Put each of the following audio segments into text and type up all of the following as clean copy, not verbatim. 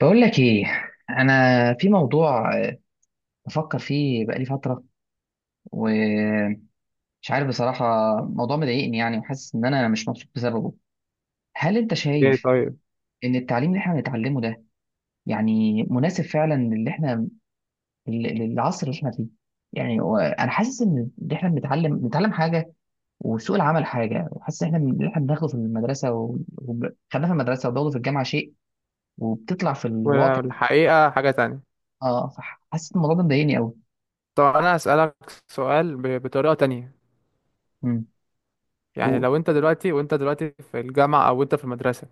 بقول لك ايه. انا في موضوع بفكر فيه بقالي فتره ومش عارف بصراحه. موضوع مضايقني يعني وحاسس ان انا مش مبسوط بسببه. هل انت ايه، شايف طيب. ان التعليم اللي احنا بنتعلمه ده يعني مناسب فعلا للي احنا للعصر اللي احنا فيه؟ يعني هو انا حاسس ان اللي احنا بنتعلم حاجه وسوق العمل حاجه، وحاسس ان احنا اللي احنا بناخده في المدرسه وخدناه في المدرسه وبناخده في الجامعه شيء وبتطلع في الواقع. والحقيقة حاجة تانية. اه، فحاسس إن الموضوع ده مضايقني طب انا هسألك سؤال بطريقة تانية. قوي. يعني لو انت دلوقتي وانت دلوقتي في الجامعة او انت في المدرسة،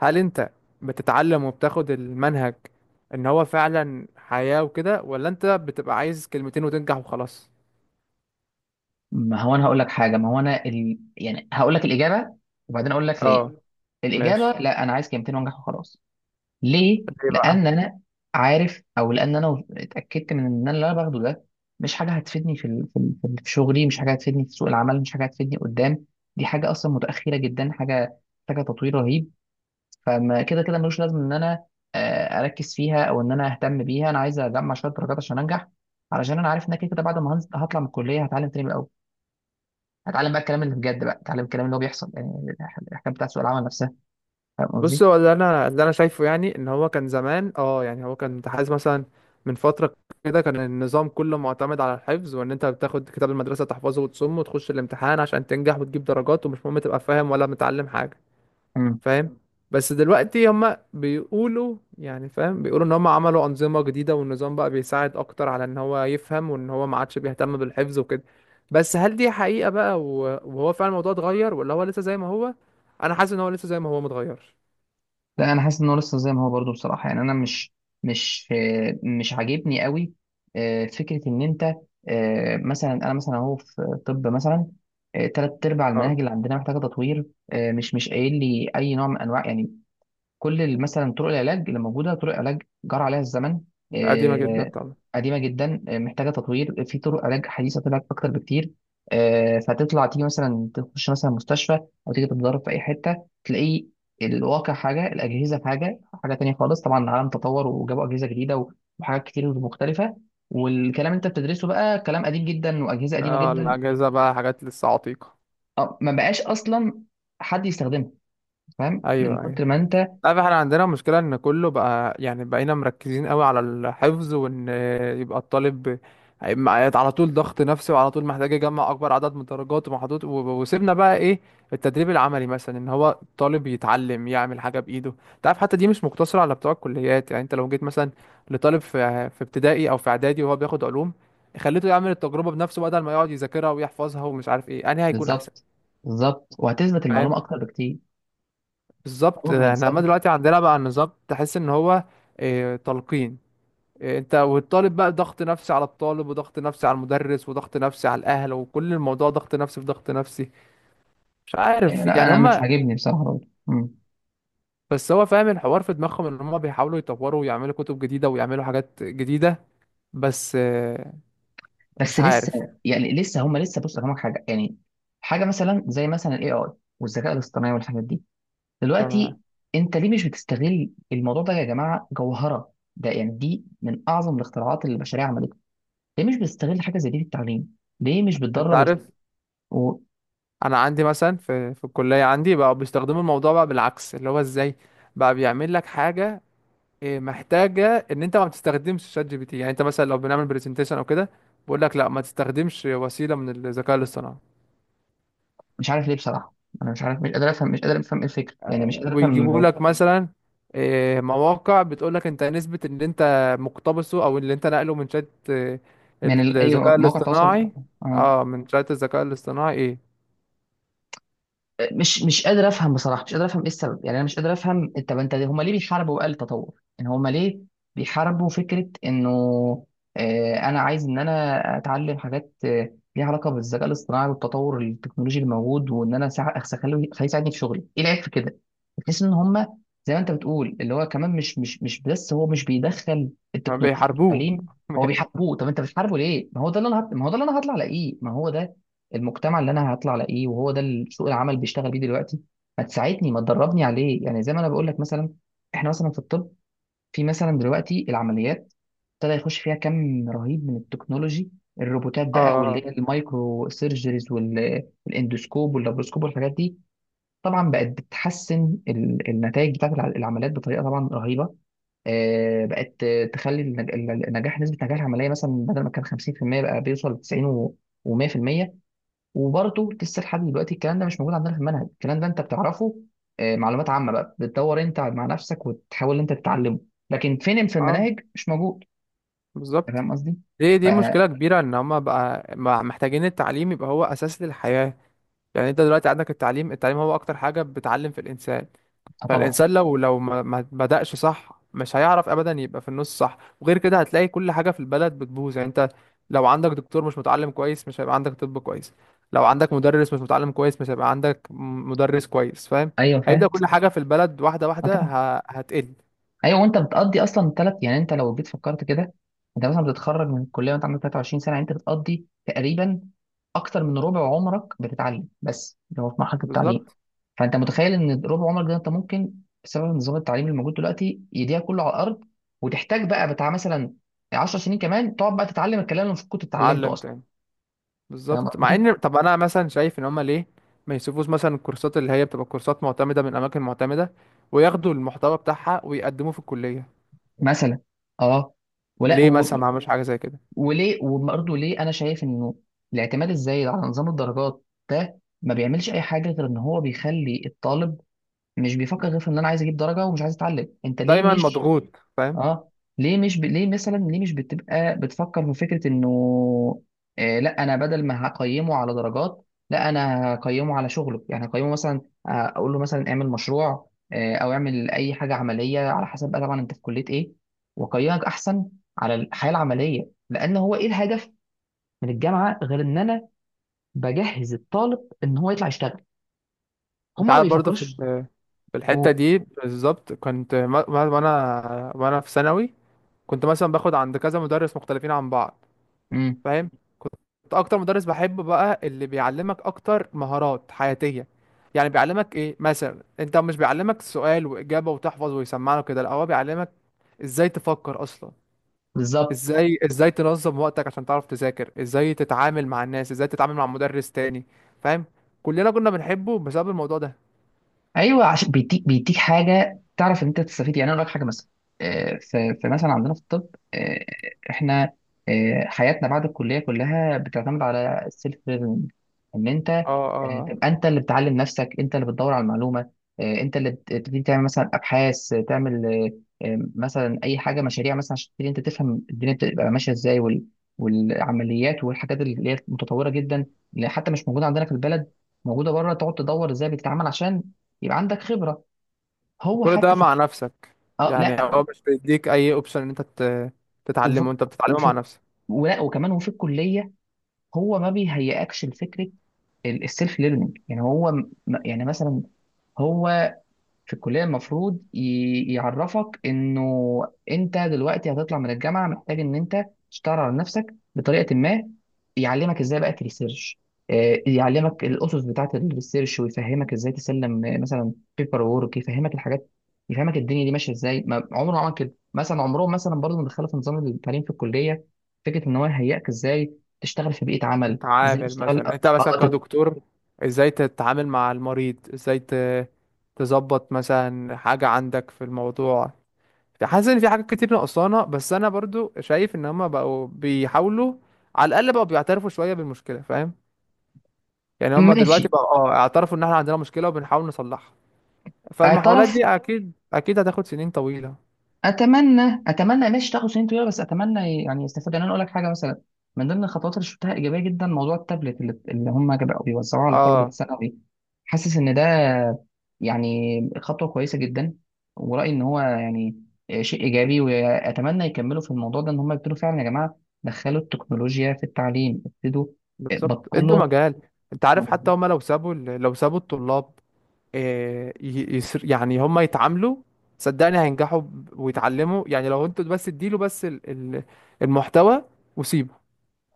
هل انت بتتعلم وبتاخد المنهج ان هو فعلا حياة وكده، ولا انت بتبقى عايز كلمتين وتنجح وخلاص؟ ما هو انا هقول لك حاجه، ما هو انا يعني هقول لك الاجابه وبعدين اقول لك ليه. اه، الاجابه ماشي. لا، انا عايز كلمتين وانجح وخلاص. ليه؟ ليه بقى؟ لان انا عارف، او لان انا اتاكدت من ان انا اللي انا باخده ده مش حاجه هتفيدني في شغلي، مش حاجه هتفيدني في سوق العمل، مش حاجه هتفيدني قدام. دي حاجه اصلا متاخره جدا، حاجه محتاجه تطوير رهيب. فما كده كده ملوش لازم ان انا اركز فيها او ان انا اهتم بيها. انا عايز اجمع شويه درجات عشان انجح، علشان انا عارف ان أنا كده كده بعد ما هطلع من الكليه هتعلم تاني من الأول. هتعلم بقى الكلام اللي بجد، بقى اتعلم الكلام اللي هو بيحصل، يعني الحكايه بتاعت سوق العمل نفسها. فاهم قصدي؟ بص، هو اللي انا شايفه يعني، ان هو كان زمان، اه يعني، هو كان متحيز مثلا من فتره كده. كان النظام كله معتمد على الحفظ، وان انت بتاخد كتاب المدرسه تحفظه وتصمه وتخش الامتحان عشان تنجح وتجيب درجات، ومش مهم تبقى فاهم ولا متعلم حاجه، امم فاهم؟ بس دلوقتي هما بيقولوا، يعني فاهم، بيقولوا ان هما عملوا انظمه جديده، والنظام بقى بيساعد اكتر على ان هو يفهم، وان هو ما عادش بيهتم بالحفظ وكده. بس هل دي حقيقه بقى وهو فعلا الموضوع اتغير، ولا هو لسه زي ما هو؟ انا حاسس ان هو لسه زي ما هو، متغيرش. لا، انا حاسس انه لسه زي ما هو برضه، بصراحه. يعني انا مش مش عاجبني قوي. فكره ان انت مثلا، انا مثلا اهو في طب مثلا ثلاث ارباع المناهج اللي عندنا محتاجه تطوير. مش قايل لي اي نوع من انواع يعني مثلا طرق العلاج اللي موجوده، طرق علاج جرى عليها الزمن. قديمة جدا آه، طبعا. قديمه جدا، محتاجه تطوير، في طرق علاج حديثه طلعت اكتر بكتير. فتطلع تيجي مثلا تخش مثلا مستشفى او تيجي تتدرب في اي حته، تلاقي الواقع حاجه، الاجهزه حاجه، حاجه تانية خالص. طبعا العالم تطور وجابوا اجهزه جديده وحاجات كتير مختلفه، والكلام اللي انت بتدرسه بقى كلام قديم جدا واجهزه قديمه اه، جدا. الأجهزة بقى حاجات لسه عتيقة. ما بقاش اصلا حد يستخدمها، فاهم، من أيوه، أيوه، كتر ما انت. عارف، احنا عندنا مشكلة إن كله بقى يعني بقينا مركزين قوي على الحفظ، وإن يبقى الطالب هيبقى على طول ضغط نفسي، وعلى طول محتاج يجمع أكبر عدد من الدرجات ومحطوط، وسيبنا بقى إيه؟ التدريب العملي مثلا، إن هو الطالب يتعلم يعمل حاجة بإيده. أنت عارف، حتى دي مش مقتصرة على بتوع الكليات. يعني أنت لو جيت مثلا لطالب في ابتدائي أو في إعدادي وهو بياخد علوم، خليته يعمل التجربة بنفسه بدل ما يقعد يذاكرها ويحفظها، ومش عارف إيه أنهي هيكون أحسن، بالظبط، بالظبط، وهتثبت المعلومة فاهم؟ أكتر بكتير. بالظبط. عمره ما احنا عمال ينساها. دلوقتي عندنا بقى النظام تحس ان هو آه، تلقين. انت والطالب بقى ضغط نفسي على الطالب وضغط نفسي على المدرس وضغط نفسي على الاهل، وكل الموضوع ضغط نفسي في ضغط نفسي. مش أيوة، عارف لا يعني أنا مش هما. عاجبني بصراحة برضه. مم. بس هو فاهم، الحوار في دماغهم ان هما بيحاولوا يطوروا ويعملوا كتب جديدة ويعملوا حاجات جديدة، بس آه، مش بس لسه، عارف. يعني لسه هم لسه، بص أفهمك حاجة. يعني حاجة مثلا زي مثلا ال AI والذكاء الاصطناعي والحاجات دي فما دلوقتي، أنت ليه مش بتستغل الموضوع ده يا جماعة؟ جوهرة ده، يعني دي من أعظم الاختراعات اللي البشرية عملتها. ليه مش بتستغل حاجة زي دي في التعليم؟ ليه مش انت بتدرب عارف، ومش انا عندي مثلا في الكلية عندي بقى بيستخدموا الموضوع بقى بالعكس، اللي هو ازاي بقى بيعمل لك حاجة. إيه، محتاجه ان انت ما بتستخدمش شات جي بي تي، يعني انت مثلا لو بنعمل برزنتيشن او كده، بقول لك لا، ما تستخدمش وسيله من الذكاء الاصطناعي، عارف ليه بصراحة. أنا مش عارف، مش قادر أفهم، إيه الفكرة؟ يعني مش قادر أفهم. ويجيبوا لك مثلا إيه، مواقع بتقول لك انت نسبه اللي انت مقتبسه او اللي انت نقله من شات إيه، أي الذكاء مواقع تواصل. الاصطناعي. آه. اه، من شات الذكاء الاصطناعي ايه. مش قادر افهم بصراحه، مش قادر افهم ايه السبب يعني. انا مش قادر افهم، طب انت، هما ليه بيحاربوا بقى التطور؟ يعني هما ليه بيحاربوا فكره انه انا عايز ان انا اتعلم حاجات ليها علاقه بالذكاء الاصطناعي والتطور التكنولوجي الموجود، وان انا سع- أخس- اخليه أخليه يساعدني في شغلي؟ ايه العيب في كده؟ بحيث ان هما زي ما انت بتقول، اللي هو كمان مش بس هو مش بيدخل التكنولوجيا في بيحاربوه. التعليم، هو بيحاربوه. طب انت بتحاربه ليه؟ ما هو ده اللي انا ما هو ده اللي انا هطلع الاقيه، ما هو ده المجتمع اللي انا هطلع الاقيه، وهو ده اللي سوق العمل بيشتغل بيه دلوقتي. ما تساعدني، ما تدربني عليه. يعني زي ما انا بقول لك، مثلا احنا مثلا في الطب، في مثلا دلوقتي العمليات ابتدى يخش فيها كم رهيب من التكنولوجي، الروبوتات بقى، واللي اه، هي المايكرو سيرجريز والاندوسكوب واللابروسكوب والحاجات دي. طبعا بقت بتحسن النتائج بتاعت العمليات بطريقه طبعا رهيبه. بقت تخلي النجاح، نسبه نجاح العمليه مثلا بدل ما كان 50% بقى بيوصل ل 90 و100%. وبرضه لسه لحد دلوقتي الكلام ده مش موجود عندنا في المنهج. الكلام ده انت بتعرفه معلومات عامه بقى، بتدور انت مع نفسك وتحاول انت تتعلمه، لكن فين في اه، المناهج؟ مش موجود. أنت بالظبط. فاهم قصدي؟ دي دي مشكله اه كبيره، ان هم بقى محتاجين التعليم يبقى هو اساس للحياه. يعني انت دلوقتي عندك التعليم، التعليم هو اكتر حاجة بتعلم في الانسان. طبعا. فالانسان لو ما بدأش صح، مش هيعرف ابدا يبقى في النص صح، وغير كده هتلاقي كل حاجة في البلد بتبوظ. يعني انت لو عندك دكتور مش متعلم كويس، مش هيبقى عندك طب كويس. لو عندك مدرس مش متعلم كويس، مش هيبقى عندك مدرس كويس، فاهم؟ ايوه هيبدأ فاهم. كل حاجة في البلد واحدة اه واحدة طبعا. هتقل. ايوه، وانت بتقضي اصلا ثلاث، يعني انت لو جيت فكرت كده انت مثلا بتتخرج من الكليه وانت عندك 23 سنه، يعني انت بتقضي تقريبا اكتر من ربع عمرك بتتعلم بس، اللي هو في مرحله التعليم. بالظبط. فانت متخيل ان ربع عمرك ده انت ممكن بسبب نظام التعليم الموجود دلوقتي يضيع كله على الارض، وتحتاج بقى بتاع مثلا 10 سنين كمان تقعد بقى تتعلم الكلام اللي المفروض كنت اتعلمته علم اصلا. تاني. فاهم بالظبط. مع قصدي؟ ان، طب انا مثلا شايف ان هما ليه ما يشوفوش مثلا الكورسات اللي هي بتبقى كورسات معتمده من اماكن معتمده، وياخدوا المحتوى بتاعها ويقدموه في الكليه؟ مثلا، اه. ولا ليه مثلا ما عملوش حاجه زي كده؟ وليه، وبرضه ليه انا شايف انه الاعتماد الزايد على نظام الدرجات ده ما بيعملش اي حاجه غير ان هو بيخلي الطالب مش بيفكر غير في ان انا عايز اجيب درجه ومش عايز اتعلم. انت ليه دايما مش، مضغوط، فاهم. اه، ليه مش ليه مثلا ليه مش بتبقى بتفكر في فكره انه آه، لا انا بدل ما هقيمه على درجات، لا انا هقيمه على شغله. يعني هقيمه مثلا اقول له مثلا اعمل مشروع آه، او اعمل اي حاجه عمليه على حسب بقى طبعا انت في كليه ايه، واقيمك احسن على الحياه العمليه. لان هو ايه الهدف من الجامعه غير ان انا بجهز الطالب ان هو يطلع يشتغل؟ هم انت ما عارف، برضه في بيفكروش في الحته و- دي بالظبط، كنت وانا في ثانوي، كنت مثلا باخد عند كذا مدرس مختلفين عن بعض، مم، فاهم؟ اكتر مدرس بحبه بقى اللي بيعلمك اكتر مهارات حياتيه. يعني بيعلمك ايه مثلا، انت مش بيعلمك سؤال واجابه وتحفظ ويسمعنا كده، لا، هو بيعلمك ازاي تفكر اصلا، بالظبط. ازاي تنظم وقتك عشان تعرف تذاكر، ازاي تتعامل مع الناس، ازاي تتعامل مع مدرس تاني، فاهم؟ كلنا كنا بنحبه بسبب الموضوع ده. ايوه، عشان بيديك، بيديك حاجه تعرف ان انت تستفيد. يعني انا اقول لك حاجه مثلا في مثلا عندنا في الطب، آه، احنا حياتنا بعد الكليه كلها بتعتمد على السيلف ليرنينج. ان انت اه، اه. تبقى انت اللي بتعلم نفسك، انت اللي بتدور على المعلومه، انت اللي بتبتدي تعمل مثلا ابحاث، تعمل مثلا اي حاجه، مشاريع مثلا، عشان تبتدي انت تفهم الدنيا بتبقى ماشيه ازاي، والعمليات والحاجات اللي هي متطوره جدا، اللي حتى مش موجوده عندنا في البلد، موجوده بره. تقعد تدور ازاي بتتعامل عشان يبقى عندك خبره. هو وكل ده حتى في، مع نفسك، اه يعني لا. هو مش بيديك اي اوبشن ان انت وفي تتعلمه، انت بتتعلمه وفي مع نفسك. ولا وكمان وفي الكليه هو ما بيهيئكش لفكره السيلف ليرنينج. يعني هو م-، يعني مثلا هو في الكلية المفروض يعرفك انه انت دلوقتي هتطلع من الجامعة محتاج ان انت تشتغل على نفسك بطريقة ما. يعلمك ازاي بقى تريسيرش، يعلمك الاسس بتاعة الريسيرش، ويفهمك ازاي تسلم مثلا بيبر وورك، يفهمك الحاجات، يفهمك الدنيا دي ماشية ازاي. ما عمره ما عمل كده، مثلا عمرهم مثلا برضه ما دخلوا في نظام التعليم في الكلية فكرة ان هو يهيئك ازاي تشتغل في بيئة عمل، ازاي تتعامل تشتغل مثلا، انت مثلا كدكتور، ازاي تتعامل مع المريض، ازاي تظبط مثلا حاجة عندك في الموضوع. حاسس ان في حاجات كتير نقصانة، بس انا برضو شايف ان هما بقوا بيحاولوا، على الاقل بقوا بيعترفوا شوية بالمشكلة، فاهم؟ يعني هما ماشي. دلوقتي بقوا اه اعترفوا ان احنا عندنا مشكلة وبنحاول نصلحها. فالمحاولات اعترف. دي اكيد اكيد هتاخد سنين طويلة. اتمنى، اتمنى، ماشي تاخد سنين طويله، بس اتمنى يعني يستفاد. يعني انا اقول لك حاجه مثلا، من ضمن الخطوات اللي شفتها ايجابيه جدا موضوع التابلت اللي هم بقوا بيوزعوه على طلبه اه، الثانوي. حاسس ان ده يعني خطوه كويسه جدا، ورايي ان هو يعني شيء ايجابي، واتمنى يكملوا في الموضوع ده. ان هم يبتدوا فعلا يا جماعه دخلوا التكنولوجيا في التعليم، ابتدوا، بالظبط. ادوا بطلوا مجال. انت عارف، آه، حتى هما لو سابوا لو سابوا الطلاب آه، يسر يعني هم يتعاملوا، صدقني هينجحوا ويتعلموا. يعني لو انتوا بس اديله بس المحتوى وسيبه،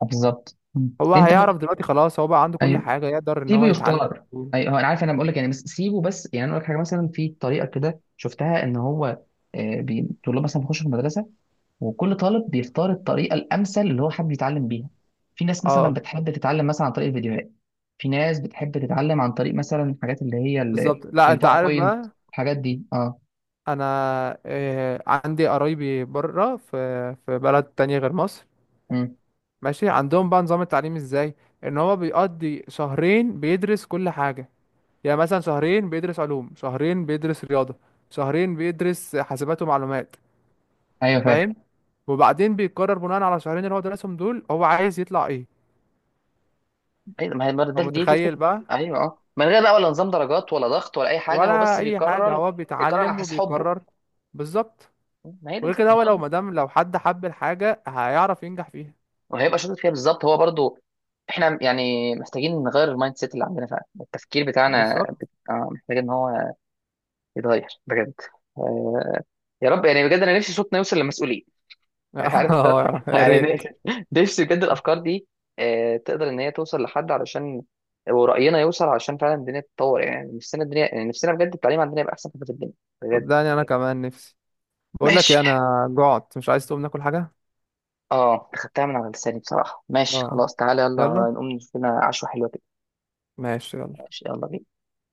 بالظبط. مم. هو انت بقى-. هيعرف دلوقتي خلاص، هو بقى عنده كل أيوة. حاجة يقدر ان سيبه هو يتعلم. يختار. اي هو انا عارف، انا بقول لك يعني، بس سيبه بس. يعني انا اقول لك حاجه مثلا في طريقه كده شفتها ان هو الطلاب مثلا بيخشوا في المدرسه، وكل طالب بيختار الطريقه الامثل اللي هو حابب يتعلم بيها. في ناس مثلا اه، بتحب تتعلم مثلا عن طريق الفيديوهات، في ناس بتحب تتعلم عن طريق مثلا الحاجات اللي هي بالظبط. لا انت عارف الباوربوينت، بقى، الحاجات دي. اه. انا آه، عندي قرايبي بره في في بلد تانية غير مصر، امم. ماشي، عندهم بقى نظام التعليم ازاي؟ ان هو بيقضي شهرين بيدرس كل حاجة. يعني مثلا شهرين بيدرس علوم، شهرين بيدرس رياضة، شهرين بيدرس حاسبات ومعلومات، ايوه فاهم. فاهم؟ وبعدين بيقرر بناء على الشهرين اللي هو درسهم دول هو عايز يطلع ايه. ايوه، ما هي، ما هو ده، دي متخيل الفكره. بقى، ايوه اه، من غير بقى ولا نظام درجات ولا ضغط ولا اي حاجه، هو ولا بس اي حاجة، بيكرر، هو بيكرر على بيتعلم حسب حبه. وبيقرر. بالظبط. ما هي دي وغير كده، هو لو الفكره. مدام لو حد حب الحاجة هيعرف ينجح فيها. وهيبقى شاطر فيها بالظبط. هو برضو احنا يعني محتاجين نغير المايند سيت اللي عندنا فعلا. التفكير بتاعنا بالظبط. آه محتاج ان هو يتغير بجد. آه، يا رب يعني بجد انا نفسي صوتنا يوصل للمسؤولين يعني عارف انت اه، يا يعني ريت. نفسي، نفسي بجد الافكار دي آه تقدر ان هي توصل لحد، علشان ورأينا يوصل، علشان فعلا الدنيا تتطور. يعني نفسنا الدنيا، يعني نفسنا بجد التعليم عندنا يبقى احسن حاجه في الدنيا، بجد. صدقني انا كمان نفسي. بقول لك ايه، ماشي. انا جعت، مش عايز تقوم ناكل حاجة؟ اه، خدتها من على لساني بصراحه. ماشي اه، خلاص، تعالى يلا يلا. نقوم نشوف لنا عشوه حلوه كده. ماشي، يلا. ماشي يلا بينا.